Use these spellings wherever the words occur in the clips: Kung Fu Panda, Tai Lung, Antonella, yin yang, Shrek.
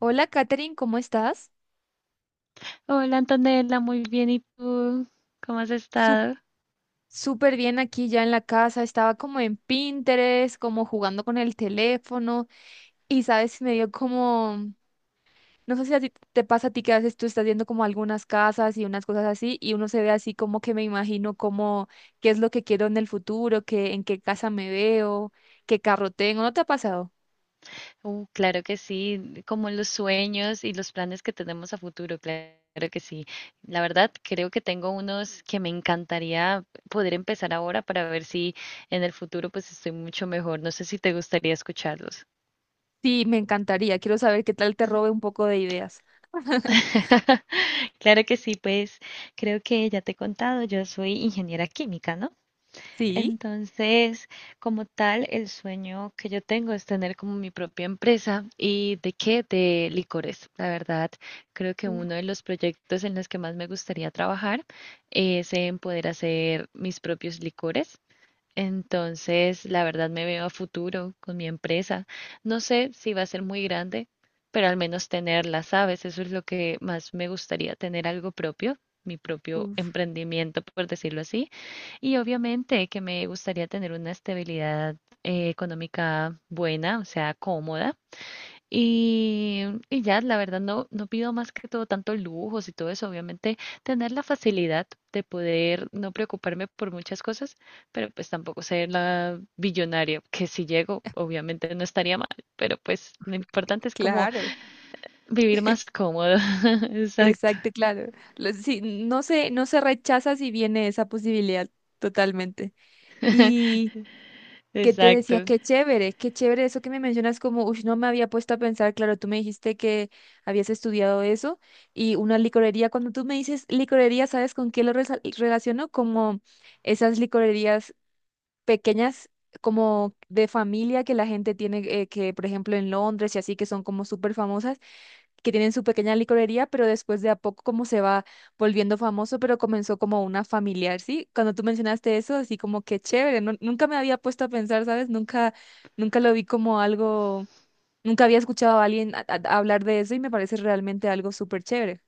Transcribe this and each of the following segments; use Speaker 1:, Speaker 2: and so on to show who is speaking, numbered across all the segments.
Speaker 1: Hola, Katherine, ¿cómo estás?
Speaker 2: Hola Antonella, muy bien. ¿Y tú? ¿Cómo has
Speaker 1: Sup-
Speaker 2: estado?
Speaker 1: Súper bien aquí ya en la casa. Estaba como en Pinterest, como jugando con el teléfono. Y sabes, me dio como, no sé si a ti te pasa a ti que a veces tú estás viendo como algunas casas y unas cosas así, y uno se ve así como que me imagino como qué es lo que quiero en el futuro, qué, en qué casa me veo, qué carro tengo. ¿No te ha pasado?
Speaker 2: Claro que sí, como los sueños y los planes que tenemos a futuro, claro que sí. La verdad, creo que tengo unos que me encantaría poder empezar ahora para ver si en el futuro pues estoy mucho mejor. No sé si te gustaría escucharlos.
Speaker 1: Sí, me encantaría. Quiero saber qué tal te robe un poco de ideas.
Speaker 2: Claro que sí, pues creo que ya te he contado, yo soy ingeniera química, ¿no?
Speaker 1: Sí.
Speaker 2: Entonces, como tal, el sueño que yo tengo es tener como mi propia empresa. ¿Y de qué? De licores. La verdad, creo que
Speaker 1: Uh,
Speaker 2: uno de los proyectos en los que más me gustaría trabajar es en poder hacer mis propios licores. Entonces, la verdad me veo a futuro con mi empresa. No sé si va a ser muy grande, pero al menos tenerla, ¿sabes? Eso es lo que más me gustaría, tener algo propio, mi propio
Speaker 1: uf,
Speaker 2: emprendimiento, por decirlo así. Y obviamente que me gustaría tener una estabilidad económica buena, o sea, cómoda. Y, y ya, la verdad, no pido más que todo tanto lujos y todo eso. Obviamente, tener la facilidad de poder no preocuparme por muchas cosas, pero pues tampoco ser la billonaria, que si llego, obviamente no estaría mal, pero pues lo importante es como
Speaker 1: claro.
Speaker 2: vivir más cómodo. Exacto,
Speaker 1: Exacto, claro. Sí, no se rechaza si viene esa posibilidad totalmente. Y que te decía,
Speaker 2: exacto.
Speaker 1: qué chévere eso que me mencionas como, uff, no me había puesto a pensar, claro, tú me dijiste que habías estudiado eso y una licorería, cuando tú me dices licorería, ¿sabes con qué lo relaciono? Como esas licorerías pequeñas como de familia que la gente tiene, que por ejemplo en Londres y así, que son como súper famosas, que tienen su pequeña licorería, pero después de a poco como se va volviendo famoso, pero comenzó como una familiar, ¿sí? Cuando tú mencionaste eso, así como que chévere, nunca me había puesto a pensar, ¿sabes? Nunca, nunca lo vi como algo, nunca había escuchado a alguien hablar de eso y me parece realmente algo súper chévere.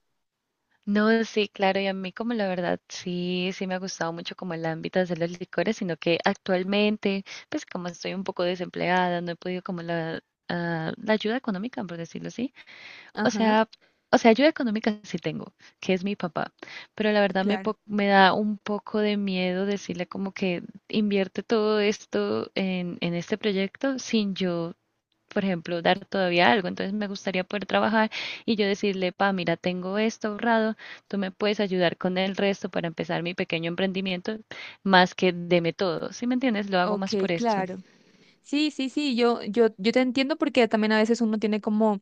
Speaker 2: No, sí, claro, y a mí como la verdad sí, me ha gustado mucho como el ámbito de hacer los licores, sino que actualmente, pues como estoy un poco desempleada, no he podido como la, ah, la ayuda económica, por decirlo así. O
Speaker 1: Ajá.
Speaker 2: sea, o sea, ayuda económica sí tengo, que es mi papá, pero la verdad me,
Speaker 1: Claro.
Speaker 2: me da un poco de miedo decirle como que invierte todo esto en este proyecto sin yo por ejemplo, dar todavía algo. Entonces me gustaría poder trabajar y yo decirle, pa, mira, tengo esto ahorrado, tú me puedes ayudar con el resto para empezar mi pequeño emprendimiento, más que deme todo, ¿sí me entiendes? Lo hago
Speaker 1: Ok,
Speaker 2: más por esto.
Speaker 1: claro. Sí, sí, sí, yo te entiendo porque también a veces uno tiene como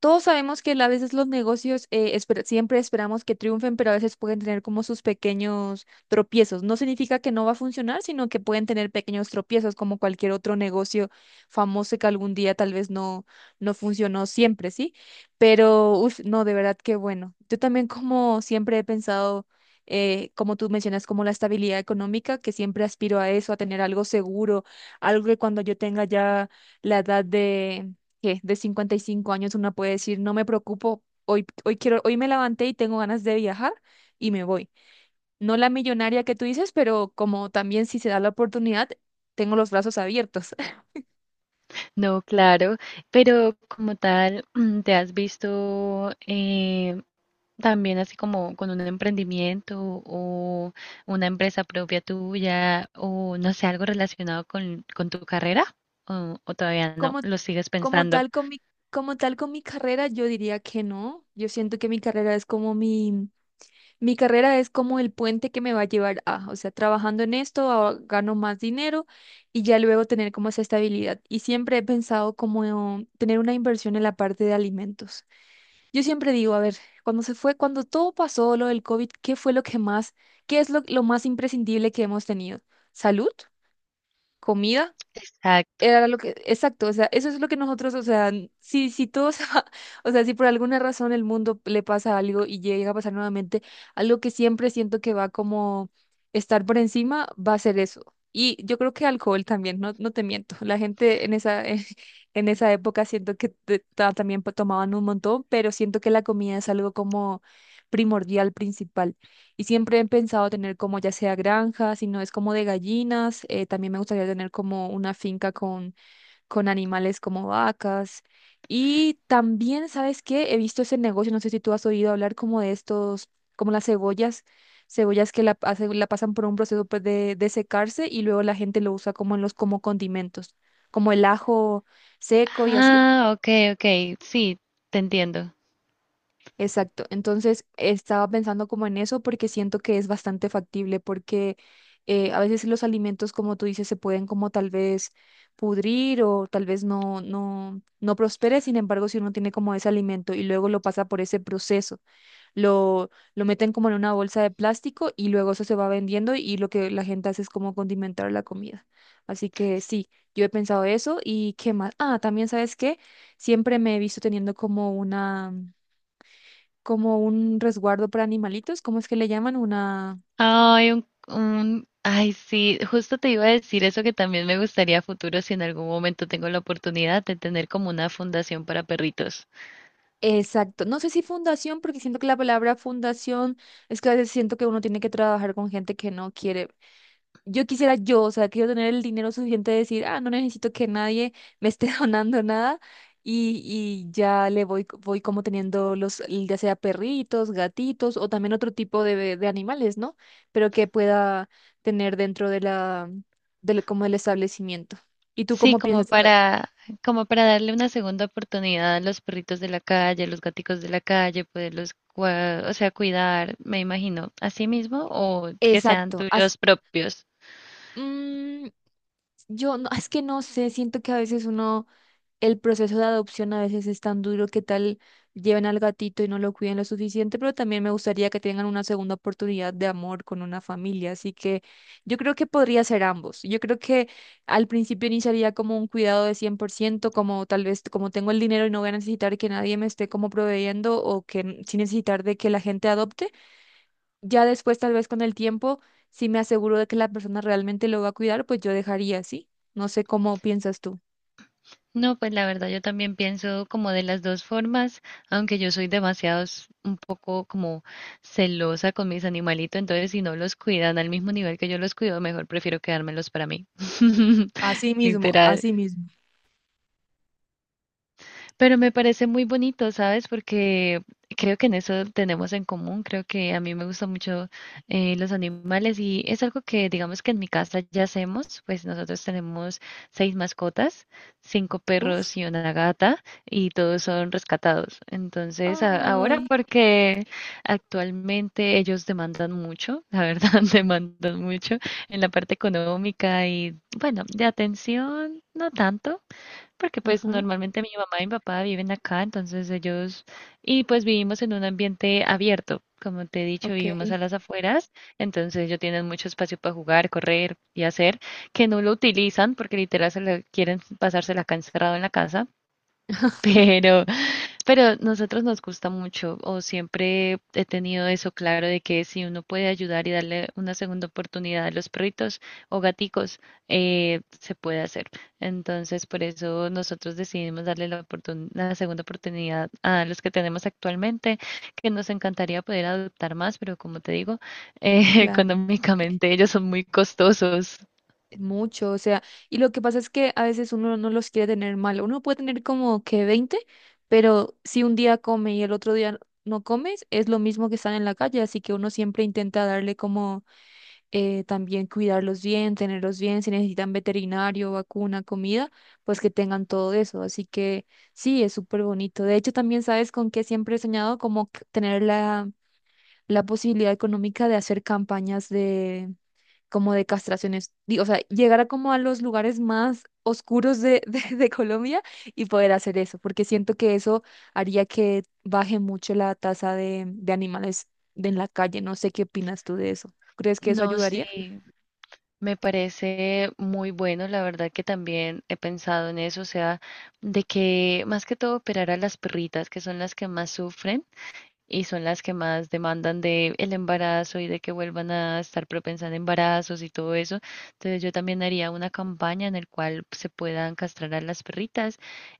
Speaker 1: todos sabemos que a veces los negocios siempre esperamos que triunfen, pero a veces pueden tener como sus pequeños tropiezos. No significa que no va a funcionar, sino que pueden tener pequeños tropiezos como cualquier otro negocio famoso que algún día tal vez no funcionó siempre, ¿sí? Pero, uf, no, de verdad que bueno. Yo también como siempre he pensado, como tú mencionas, como la estabilidad económica, que siempre aspiro a eso, a tener algo seguro, algo que cuando yo tenga ya la edad de que de 55 años una puede decir, no me preocupo, hoy, hoy quiero, hoy me levanté y tengo ganas de viajar y me voy. No la millonaria que tú dices, pero como también si se da la oportunidad, tengo los brazos abiertos.
Speaker 2: No, claro, pero como tal, ¿te has visto también así como con un emprendimiento o una empresa propia tuya o no sé, algo relacionado con tu carrera? ¿O todavía no?
Speaker 1: Como,
Speaker 2: ¿Lo sigues
Speaker 1: como
Speaker 2: pensando?
Speaker 1: tal con mi, como tal con mi carrera, yo diría que no. Yo siento que mi carrera es como mi carrera es como el puente que me va a llevar a, o sea, trabajando en esto, gano más dinero y ya luego tener como esa estabilidad. Y siempre he pensado como tener una inversión en la parte de alimentos. Yo siempre digo, a ver, cuando se fue, cuando todo pasó, lo del COVID, ¿qué fue lo que más, qué es lo más imprescindible que hemos tenido? ¿Salud? ¿Comida?
Speaker 2: Exacto.
Speaker 1: Era lo que, exacto, o sea, eso es lo que nosotros, o sea, si, si todos, o sea, si por alguna razón el mundo le pasa algo y llega a pasar nuevamente, algo que siempre siento que va como estar por encima, va a ser eso. Y yo creo que alcohol también, no te miento. La gente en esa, en esa época siento que también tomaban un montón, pero siento que la comida es algo como primordial, principal. Y siempre he pensado tener como ya sea granja, si no es como de gallinas, también me gustaría tener como una finca con animales como vacas. Y también, ¿sabes qué? He visto ese negocio, no sé si tú has oído hablar como de estos, como las cebollas, cebollas que la, la pasan por un proceso pues, de secarse y luego la gente lo usa como en los como condimentos, como el ajo seco y así.
Speaker 2: Ah, ok, ok, sí, te entiendo.
Speaker 1: Exacto. Entonces estaba pensando como en eso porque siento que es bastante factible porque a veces los alimentos, como tú dices, se pueden como tal vez pudrir o tal vez no prospere. Sin embargo, si uno tiene como ese alimento y luego lo pasa por ese proceso, lo meten como en una bolsa de plástico y luego eso se va vendiendo y lo que la gente hace es como condimentar la comida. Así que sí, yo he pensado eso y qué más. Ah, también sabes qué, siempre me he visto teniendo como una como un resguardo para animalitos, ¿cómo es que le llaman? Una...
Speaker 2: Ay, sí, justo te iba a decir eso que también me gustaría a futuro si en algún momento tengo la oportunidad de tener como una fundación para perritos.
Speaker 1: Exacto. No sé si fundación, porque siento que la palabra fundación es que a veces siento que uno tiene que trabajar con gente que no quiere. Yo quisiera yo, o sea, quiero tener el dinero suficiente de decir, ah, no necesito que nadie me esté donando nada y ya le voy como teniendo los, ya sea perritos, gatitos o también otro tipo de animales, ¿no? Pero que pueda tener dentro de la, del, como del establecimiento. ¿Y tú
Speaker 2: Sí,
Speaker 1: cómo piensas?
Speaker 2: como para darle una segunda oportunidad a los perritos de la calle, a los gaticos de la calle, poderlos, o sea, cuidar, me imagino, a sí mismo o que sean
Speaker 1: Exacto.
Speaker 2: tuyos propios.
Speaker 1: Mm, yo no, es que no sé, siento que a veces uno, el proceso de adopción a veces es tan duro que tal lleven al gatito y no lo cuiden lo suficiente, pero también me gustaría que tengan una segunda oportunidad de amor con una familia. Así que yo creo que podría ser ambos. Yo creo que al principio iniciaría como un cuidado de 100%, como tal vez como tengo el dinero y no voy a necesitar que nadie me esté como proveyendo o que sin necesitar de que la gente adopte. Ya después, tal vez con el tiempo, si me aseguro de que la persona realmente lo va a cuidar, pues yo dejaría sí. No sé cómo piensas tú.
Speaker 2: No, pues la verdad yo también pienso como de las dos formas, aunque yo soy demasiado un poco como celosa con mis animalitos, entonces si no los cuidan al mismo nivel que yo los cuido, mejor prefiero quedármelos para mí.
Speaker 1: Así mismo,
Speaker 2: Literal.
Speaker 1: así mismo.
Speaker 2: Pero me parece muy bonito, ¿sabes? Porque creo que en eso tenemos en común. Creo que a mí me gustan mucho los animales y es algo que digamos que en mi casa ya hacemos. Pues nosotros tenemos seis mascotas, cinco
Speaker 1: Uf.
Speaker 2: perros y una gata y todos son rescatados. Entonces, ahora
Speaker 1: Ay.
Speaker 2: porque actualmente ellos demandan mucho, la verdad, demandan mucho en la parte económica y bueno, de atención, no tanto porque pues
Speaker 1: Ajá.
Speaker 2: normalmente mi mamá y mi papá viven acá, entonces ellos, y pues vivimos en un ambiente abierto, como te he dicho,
Speaker 1: Ok.
Speaker 2: vivimos a las afueras, entonces ellos tienen mucho espacio para jugar, correr y hacer, que no lo utilizan porque literal quieren pasársela acá encerrado en la casa, pero nosotros nos gusta mucho, o siempre he tenido eso claro de que si uno puede ayudar y darle una segunda oportunidad a los perritos o gaticos, se puede hacer. Entonces, por eso nosotros decidimos darle la la segunda oportunidad a los que tenemos actualmente, que nos encantaría poder adoptar más, pero como te digo,
Speaker 1: Claro.
Speaker 2: económicamente ellos son muy costosos.
Speaker 1: Es mucho. O sea, y lo que pasa es que a veces uno no los quiere tener mal. Uno puede tener como que 20 pero si un día come y el otro día no comes, es lo mismo que estar en la calle. Así que uno siempre intenta darle como también cuidarlos bien, tenerlos bien, si necesitan veterinario, vacuna, comida, pues que tengan todo eso. Así que sí, es súper bonito. De hecho, también sabes con qué siempre he soñado, como tener la, la posibilidad económica de hacer campañas de como de castraciones, o sea, llegar a como a los lugares más oscuros de, de Colombia y poder hacer eso, porque siento que eso haría que baje mucho la tasa de animales de en la calle. No sé qué opinas tú de eso. ¿Crees que eso
Speaker 2: No
Speaker 1: ayudaría?
Speaker 2: sé. Me parece muy bueno, la verdad que también he pensado en eso, o sea, de que más que todo operar a las perritas, que son las que más sufren y son las que más demandan de el embarazo y de que vuelvan a estar propensas a embarazos y todo eso. Entonces yo también haría una campaña en el cual se puedan castrar a las perritas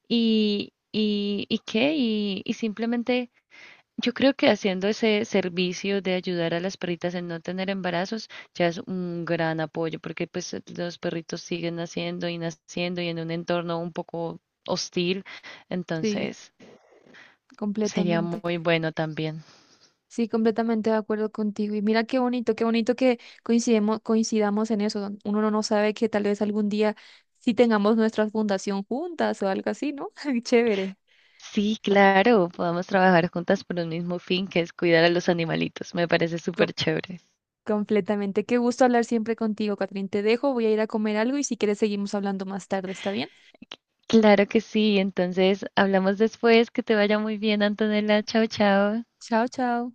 Speaker 2: y simplemente yo creo que haciendo ese servicio de ayudar a las perritas en no tener embarazos ya es un gran apoyo, porque pues los perritos siguen naciendo y naciendo y en un entorno un poco hostil,
Speaker 1: Sí,
Speaker 2: entonces sería
Speaker 1: completamente.
Speaker 2: muy bueno también.
Speaker 1: Sí, completamente de acuerdo contigo. Y mira qué bonito que coincidamos en eso. Uno no sabe que tal vez algún día sí tengamos nuestra fundación juntas o algo así, ¿no? Chévere.
Speaker 2: Sí, claro, podamos trabajar juntas por un mismo fin, que es cuidar a los animalitos. Me parece
Speaker 1: Co-
Speaker 2: súper chévere.
Speaker 1: completamente. Qué gusto hablar siempre contigo, Catrín. Te dejo, voy a ir a comer algo y si quieres seguimos hablando más tarde, ¿está bien?
Speaker 2: Claro que sí, entonces hablamos después, que te vaya muy bien, Antonella. Chao, chao.
Speaker 1: Chao, chao.